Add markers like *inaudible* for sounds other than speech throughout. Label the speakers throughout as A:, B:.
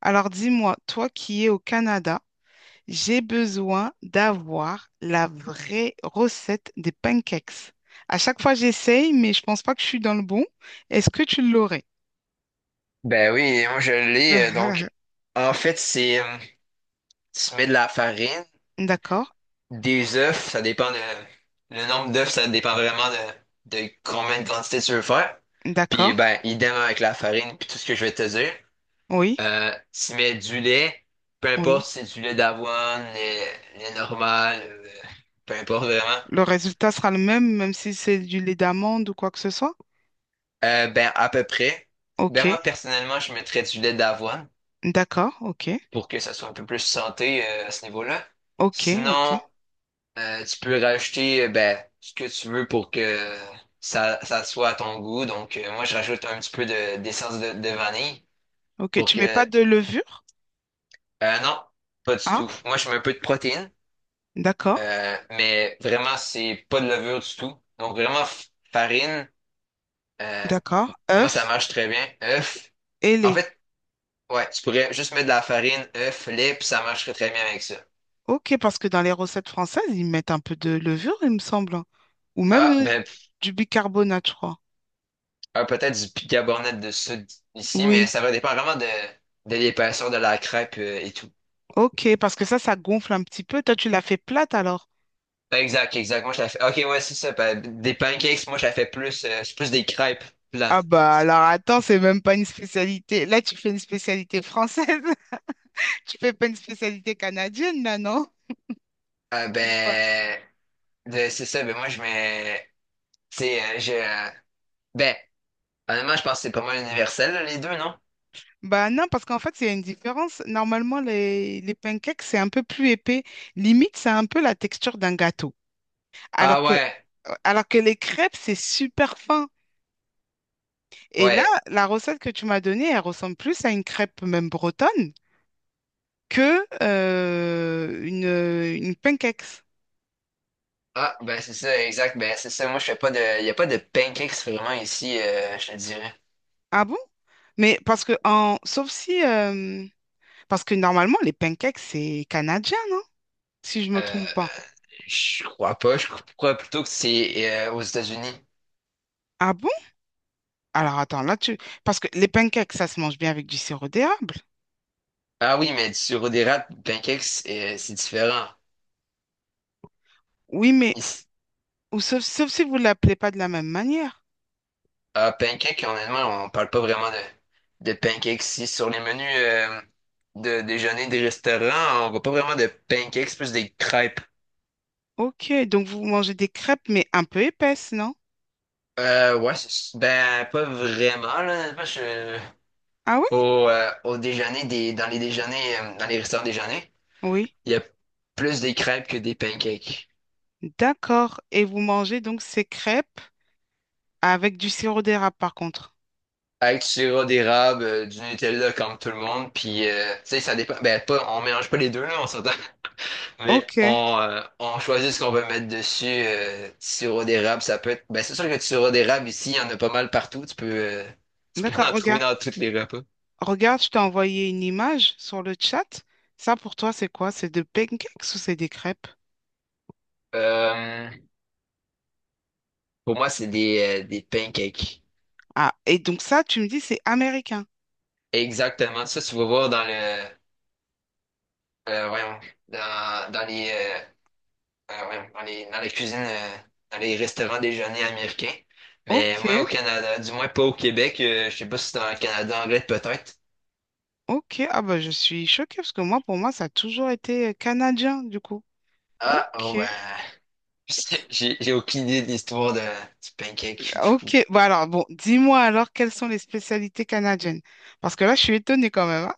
A: Alors dis-moi, toi qui es au Canada, j'ai besoin d'avoir la vraie recette des pancakes. À chaque fois, j'essaye, mais je pense pas que je suis dans le bon. Est-ce que tu l'aurais?
B: Ben oui, moi je l'ai. Donc,
A: *laughs*
B: en fait, c'est tu mets de la farine,
A: D'accord,
B: des œufs, ça dépend de le nombre d'œufs, ça dépend vraiment de combien de quantité tu veux faire. Puis
A: d'accord,
B: ben, idem avec la farine, puis tout ce que je vais te dire.
A: oui,
B: Tu mets du lait, peu importe
A: oui.
B: si c'est du lait d'avoine, lait, lait normal, peu importe vraiment.
A: Le résultat sera le même, même si c'est du lait d'amande ou quoi que ce soit.
B: Ben à peu près.
A: Ok,
B: Ben moi personnellement, je mettrais du lait d'avoine
A: d'accord, ok,
B: pour que ça soit un peu plus santé à ce niveau-là.
A: ok, ok,
B: Sinon, tu peux rajouter ben, ce que tu veux pour que ça soit à ton goût. Donc, moi, je rajoute un petit peu d'essence de vanille
A: ok.
B: pour
A: Tu
B: que...
A: mets pas de levure?
B: Non, pas du tout.
A: Ah,
B: Moi, je mets un peu de protéines,
A: d'accord,
B: mais vraiment, c'est pas de levure du tout. Donc, vraiment, farine, euh,
A: d'accord.
B: moi, ça
A: Œuf
B: marche très bien. Œuf.
A: et
B: En
A: lait.
B: fait, ouais, tu pourrais juste mettre de la farine, œuf, lait, puis ça marcherait très bien avec ça.
A: Ok, parce que dans les recettes françaises, ils mettent un peu de levure, il me semble. Ou même
B: Ah, ben,
A: du bicarbonate, je crois.
B: ah, peut-être du bicarbonate de soude ici, mais
A: Oui,
B: ça va dépendre vraiment de l'épaisseur de la crêpe et tout.
A: ok, parce que ça gonfle un petit peu. Toi, tu l'as fait plate alors?
B: Exact, exact. Moi, je la fais. Ok, ouais, c'est ça. Des pancakes, moi, je la fais plus. C'est plus des crêpes
A: Ah
B: plates.
A: bah alors attends, c'est même pas une spécialité. Là, tu fais une spécialité française. *laughs* Tu fais pas une spécialité canadienne, là, non?
B: Ah,
A: Ou pas?
B: ben, c'est ça. Ben, moi, je mets. Tu sais, je. Ben, honnêtement, je pense que c'est pas mal universel, là, les deux, non?
A: Bah non, parce qu'en fait, il y a une différence. Normalement, les pancakes, c'est un peu plus épais. Limite, c'est un peu la texture d'un gâteau.
B: Ah,
A: Alors que,
B: ouais.
A: alors que les crêpes, c'est super fin. Et là,
B: Ouais.
A: la recette que tu m'as donnée, elle ressemble plus à une crêpe même bretonne que une pancakes.
B: Ah, ben, c'est ça, exact. Ben, c'est ça. Moi, je fais pas de. Il y a pas de pancakes vraiment ici, je te dirais.
A: Ah bon? Mais parce que en sauf si parce que normalement les pancakes c'est canadien, non? Si je me
B: Euh,
A: trompe pas.
B: je crois pas. Je crois plutôt que c'est aux États-Unis.
A: Ah bon? Alors attends, là tu parce que les pancakes ça se mange bien avec du sirop d'érable.
B: Ah oui, mais sur des d'érable, pancakes, c'est différent.
A: Oui, mais
B: Ici,
A: ou sauf si vous l'appelez pas de la même manière.
B: ah, pancakes, honnêtement, on parle pas vraiment de pancakes ici. Sur les menus de déjeuner des restaurants, on voit pas vraiment de pancakes, plus des crêpes.
A: Ok, donc vous mangez des crêpes mais un peu épaisses, non?
B: Ouais, ben, pas vraiment, là. Honnêtement,
A: Ah oui?
B: au déjeuner, dans les déjeuners, dans les restaurants déjeuners,
A: Oui.
B: il y a plus des crêpes que des pancakes.
A: D'accord. Et vous mangez donc ces crêpes. Avec du sirop d'érable, par contre.
B: Avec du sirop d'érable, du Nutella comme tout le monde, puis tu sais, ça dépend. Ben, pas, on mélange pas les deux, là, on s'entend. *laughs* Mais
A: Ok,
B: on choisit ce qu'on veut mettre dessus. Du sirop d'érable, ça peut être. Ben, c'est sûr que du sirop d'érable, ici, il y en a pas mal partout. Tu peux *laughs*
A: d'accord,
B: en trouver
A: regarde.
B: dans tous les repas.
A: Regarde, je t'ai envoyé une image sur le chat. Ça, pour toi, c'est quoi? C'est de pancakes ou c'est des crêpes?
B: Euh, pour moi, c'est des pancakes.
A: Ah, et donc ça, tu me dis, c'est américain.
B: Exactement. Ça, tu vas voir dans le. Voyons. Dans, dans les. Ah ouais, dans les cuisines, dans les restaurants déjeuner américains. Mais
A: Ok,
B: moi, au Canada, du moins pas au Québec, je sais pas si c'est dans le Canada anglais peut-être.
A: ok. Ah bah, je suis choquée parce que moi, pour moi, ça a toujours été canadien, du coup.
B: Ah,
A: Ok,
B: oh ben, *laughs* j'ai aucune idée de l'histoire de, du pancake. Du coup.
A: ok. Bah alors, bon, dis-moi alors, quelles sont les spécialités canadiennes? Parce que là, je suis étonnée quand même, hein.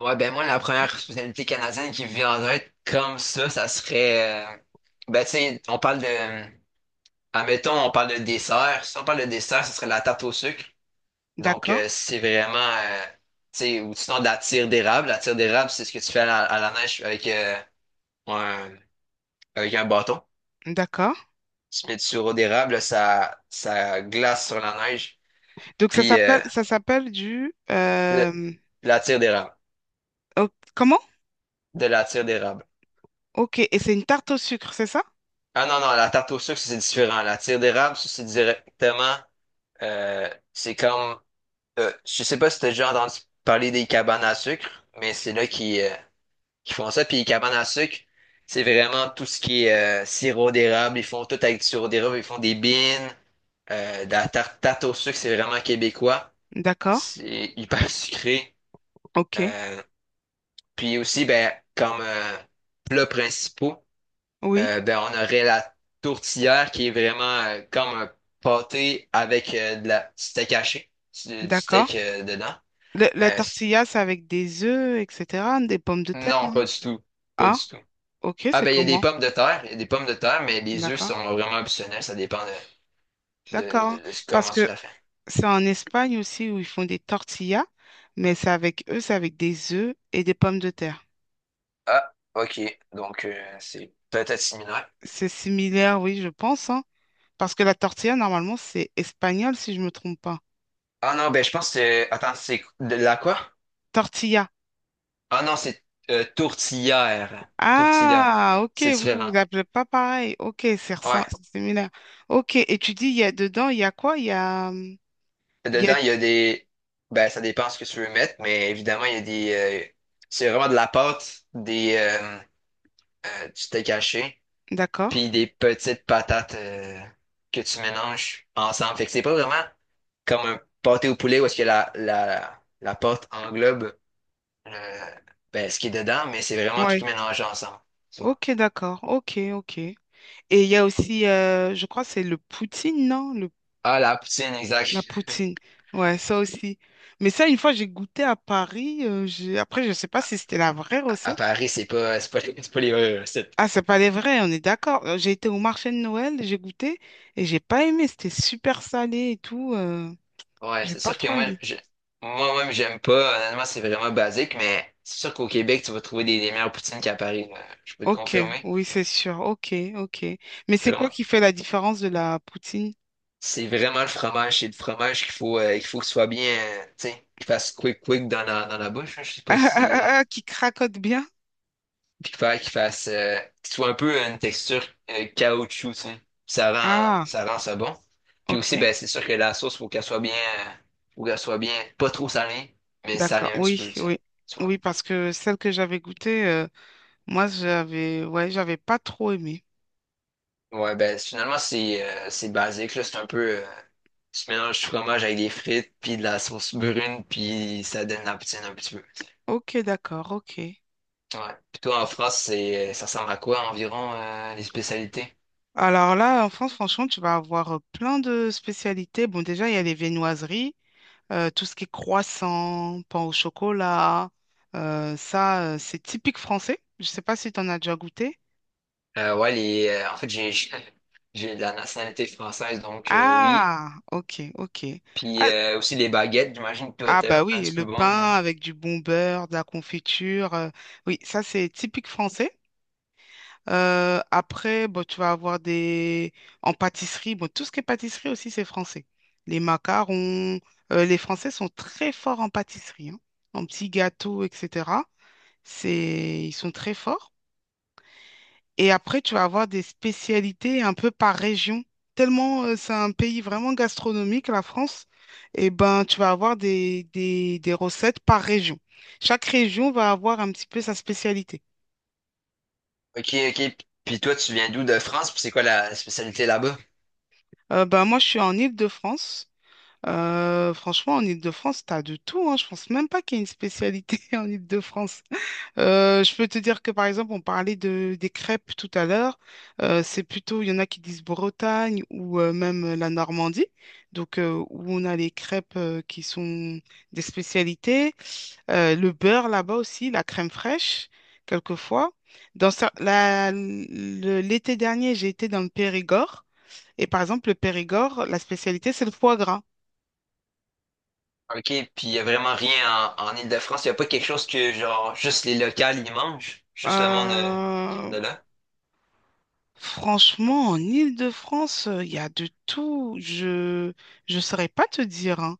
B: Ouais, ben moi, la première spécialité canadienne qui me vient en tête comme ça serait... ben tu sais, on parle de... Admettons, on parle de dessert. Si on parle de dessert, ça serait la tarte au sucre. Donc,
A: D'accord,
B: c'est vraiment, tu sais, ou sinon de la tire d'érable. La tire d'érable, c'est ce que tu fais à la neige avec, un, avec un bâton.
A: d'accord.
B: Tu mets du sirop d'érable, ça glace sur la neige.
A: Donc, ça
B: Puis,
A: s'appelle, ça s'appelle du...
B: le- la tire d'érable.
A: oh, comment?
B: De la tire d'érable.
A: Ok, et c'est une tarte au sucre, c'est ça?
B: Ah non, non, la tarte au sucre, ça, c'est différent. La tire d'érable, ça, c'est directement, c'est comme, je sais pas si t'as déjà entendu parler des cabanes à sucre, mais c'est là qui font ça. Puis cabane à sucre, c'est vraiment tout ce qui est sirop d'érable. Ils font tout avec du sirop d'érable. Ils font des beans, de la tarte, tarte au sucre, c'est vraiment québécois.
A: D'accord,
B: C'est hyper *laughs* sucré.
A: ok,
B: Euh, Puis aussi, ben, comme plats principaux,
A: oui,
B: ben, on aurait la tourtière qui est vraiment comme un pâté avec de la du steak haché, du
A: d'accord.
B: steak dedans.
A: La
B: Euh, c-
A: tortilla, c'est avec des œufs, etc., des pommes de terre,
B: non,
A: non?
B: pas du tout. Pas
A: Ah,
B: du tout.
A: ok,
B: Ah
A: c'est
B: ben il y a des
A: comment?
B: pommes de terre, il y a des pommes de terre, mais les œufs
A: D'accord,
B: sont vraiment optionnels, ça dépend
A: d'accord.
B: de ce-
A: Parce
B: comment tu
A: que
B: la fais.
A: c'est en Espagne aussi où ils font des tortillas, mais c'est avec eux, c'est avec des œufs et des pommes de terre.
B: Ah, ok, donc c'est peut-être similaire.
A: C'est similaire, oui, je pense, hein, parce que la tortilla, normalement, c'est espagnol, si je me trompe pas.
B: Ah non, ben je pense que... Attends, c'est de la quoi?
A: Tortilla.
B: Ah non, c'est tourtière. Tourtière,
A: Ah, ok,
B: c'est
A: vous, vous
B: différent.
A: l'appelez pas pareil. Ok, c'est ressem-
B: Ouais,
A: c'est similaire. Ok, et tu dis, il y a dedans, il y a quoi? Il y a...
B: dedans il y a des... Ben ça dépend ce que tu veux mettre, mais évidemment il y a des... euh, c'est vraiment de la pâte, des... du steak haché,
A: D'accord.
B: puis des petites patates que tu mélanges ensemble. Fait que c'est pas vraiment comme un pâté au poulet où est-ce que la pâte englobe euh, ben, ce qui est dedans, mais c'est vraiment tout
A: Ouais.
B: mélangé ensemble. Tu vois.
A: Ok, d'accord. Ok, ok. Et il y a aussi, je crois, que c'est le poutine, non?
B: Ah, la poutine,
A: La
B: exact.
A: poutine, ouais, ça aussi. Mais ça, une fois, j'ai goûté à Paris. Après, je ne sais pas si c'était la vraie
B: À
A: recette.
B: Paris, c'est pas, c'est pas, c'est pas les vraies recettes.
A: Ah, c'est pas les vrais, on est d'accord. J'ai été au marché de Noël, j'ai goûté et j'ai pas aimé. C'était super salé et tout.
B: Ouais,
A: J'ai
B: c'est
A: pas
B: sûr que
A: trop
B: moi,
A: aimé.
B: je, moi-même, j'aime pas. Honnêtement, c'est vraiment basique, mais c'est sûr qu'au Québec, tu vas trouver des meilleures poutines qu'à Paris. Là. Je peux te
A: Ok,
B: confirmer.
A: oui, c'est sûr. Ok, ok. Mais c'est quoi
B: Vraiment.
A: qui fait la différence de la poutine?
B: C'est vraiment le fromage. C'est le fromage qu'il faut, qu'il faut qu'il soit bien, tu sais, qu'il fasse quick quick dans la bouche. Hein, je sais
A: *laughs*
B: pas
A: Ah, ah,
B: si.
A: ah, ah, qui cracote bien?
B: Puis qu'il fasse, qu'il soit un peu une texture caoutchouc, tu sais. Ça rend,
A: Ah,
B: ça rend ça bon. Puis
A: ok,
B: aussi, ben, c'est sûr que la sauce, faut qu'elle soit bien, faut qu'elle soit bien, pas trop salée, mais
A: d'accord.
B: salée un petit
A: Oui,
B: peu, tu sais.
A: oui.
B: Tu vois.
A: Oui, parce que celle que j'avais goûtée, moi, j'avais, ouais, j'avais pas trop aimé.
B: Ouais, ben, finalement, c'est basique, là. C'est un peu. Tu mélanges du fromage avec des frites, puis de la sauce brune, puis ça donne la poutine un petit peu.
A: Ok, d'accord, ok.
B: Ouais. Puis toi, en France, c'est, ça ressemble à quoi environ les spécialités?
A: Alors là, en France, franchement, tu vas avoir plein de spécialités. Bon, déjà, il y a les viennoiseries, tout ce qui est croissant, pain au chocolat. Ça, c'est typique français. Je ne sais pas si tu en as déjà goûté.
B: Ouais, les, en fait, j'ai *laughs* j'ai de la nationalité française, donc oui.
A: Ah, ok, ok.
B: Puis
A: Ah,
B: aussi les baguettes, j'imagine que toi,
A: ah,
B: t'es
A: bah
B: un
A: oui,
B: petit peu
A: le
B: bon.
A: pain
B: Hein.
A: avec du bon beurre, de la confiture. Oui, ça, c'est typique français. Après, bon, tu vas avoir des... En pâtisserie, bon, tout ce qui est pâtisserie aussi, c'est français. Les macarons, les Français sont très forts en pâtisserie, hein, en petits gâteaux, etc. C'est... Ils sont très forts. Et après, tu vas avoir des spécialités un peu par région. Tellement c'est un pays vraiment gastronomique, la France, et ben, tu vas avoir des recettes par région. Chaque région va avoir un petit peu sa spécialité.
B: Ok, ok. Puis toi, tu viens d'où de France? Puis c'est quoi la spécialité là-bas?
A: Ben, moi, je suis en Île-de-France. Franchement, en Île-de-France, t'as de tout, hein. Je pense même pas qu'il y ait une spécialité *laughs* en Île-de-France. Je peux te dire que, par exemple, on parlait des crêpes tout à l'heure. C'est plutôt, il y en a qui disent Bretagne ou même la Normandie, donc où on a les crêpes qui sont des spécialités. Le beurre là-bas aussi, la crème fraîche, quelquefois. Dans cer- la- le- L'été dernier, j'ai été dans le Périgord. Et par exemple, le Périgord, la spécialité, c'est le foie gras.
B: Ok, puis il y a vraiment rien en, en Île-de-France. Il n'y a pas quelque chose que, genre, juste les locales, ils mangent? Juste le monde
A: Euh,
B: de là?
A: Franchement, en Île-de-France, il y a de tout. Je saurais pas te dire, hein.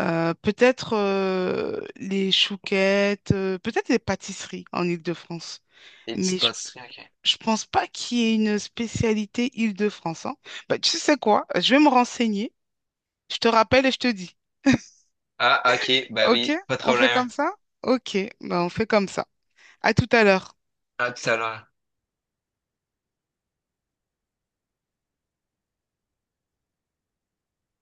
A: Peut-être les chouquettes, peut-être les pâtisseries en Île-de-France.
B: Des
A: Mais
B: petites
A: je,
B: pâtisseries, ok.
A: je pense pas qu'il y ait une spécialité Île-de-France, hein. Bah, tu sais quoi? Je vais me renseigner. Je te rappelle et je te dis.
B: Ah, ok, ben
A: OK?
B: oui, pas de
A: On fait
B: problème.
A: comme ça? OK. Bah, on fait comme ça. À tout à l'heure.
B: À tout à l'heure.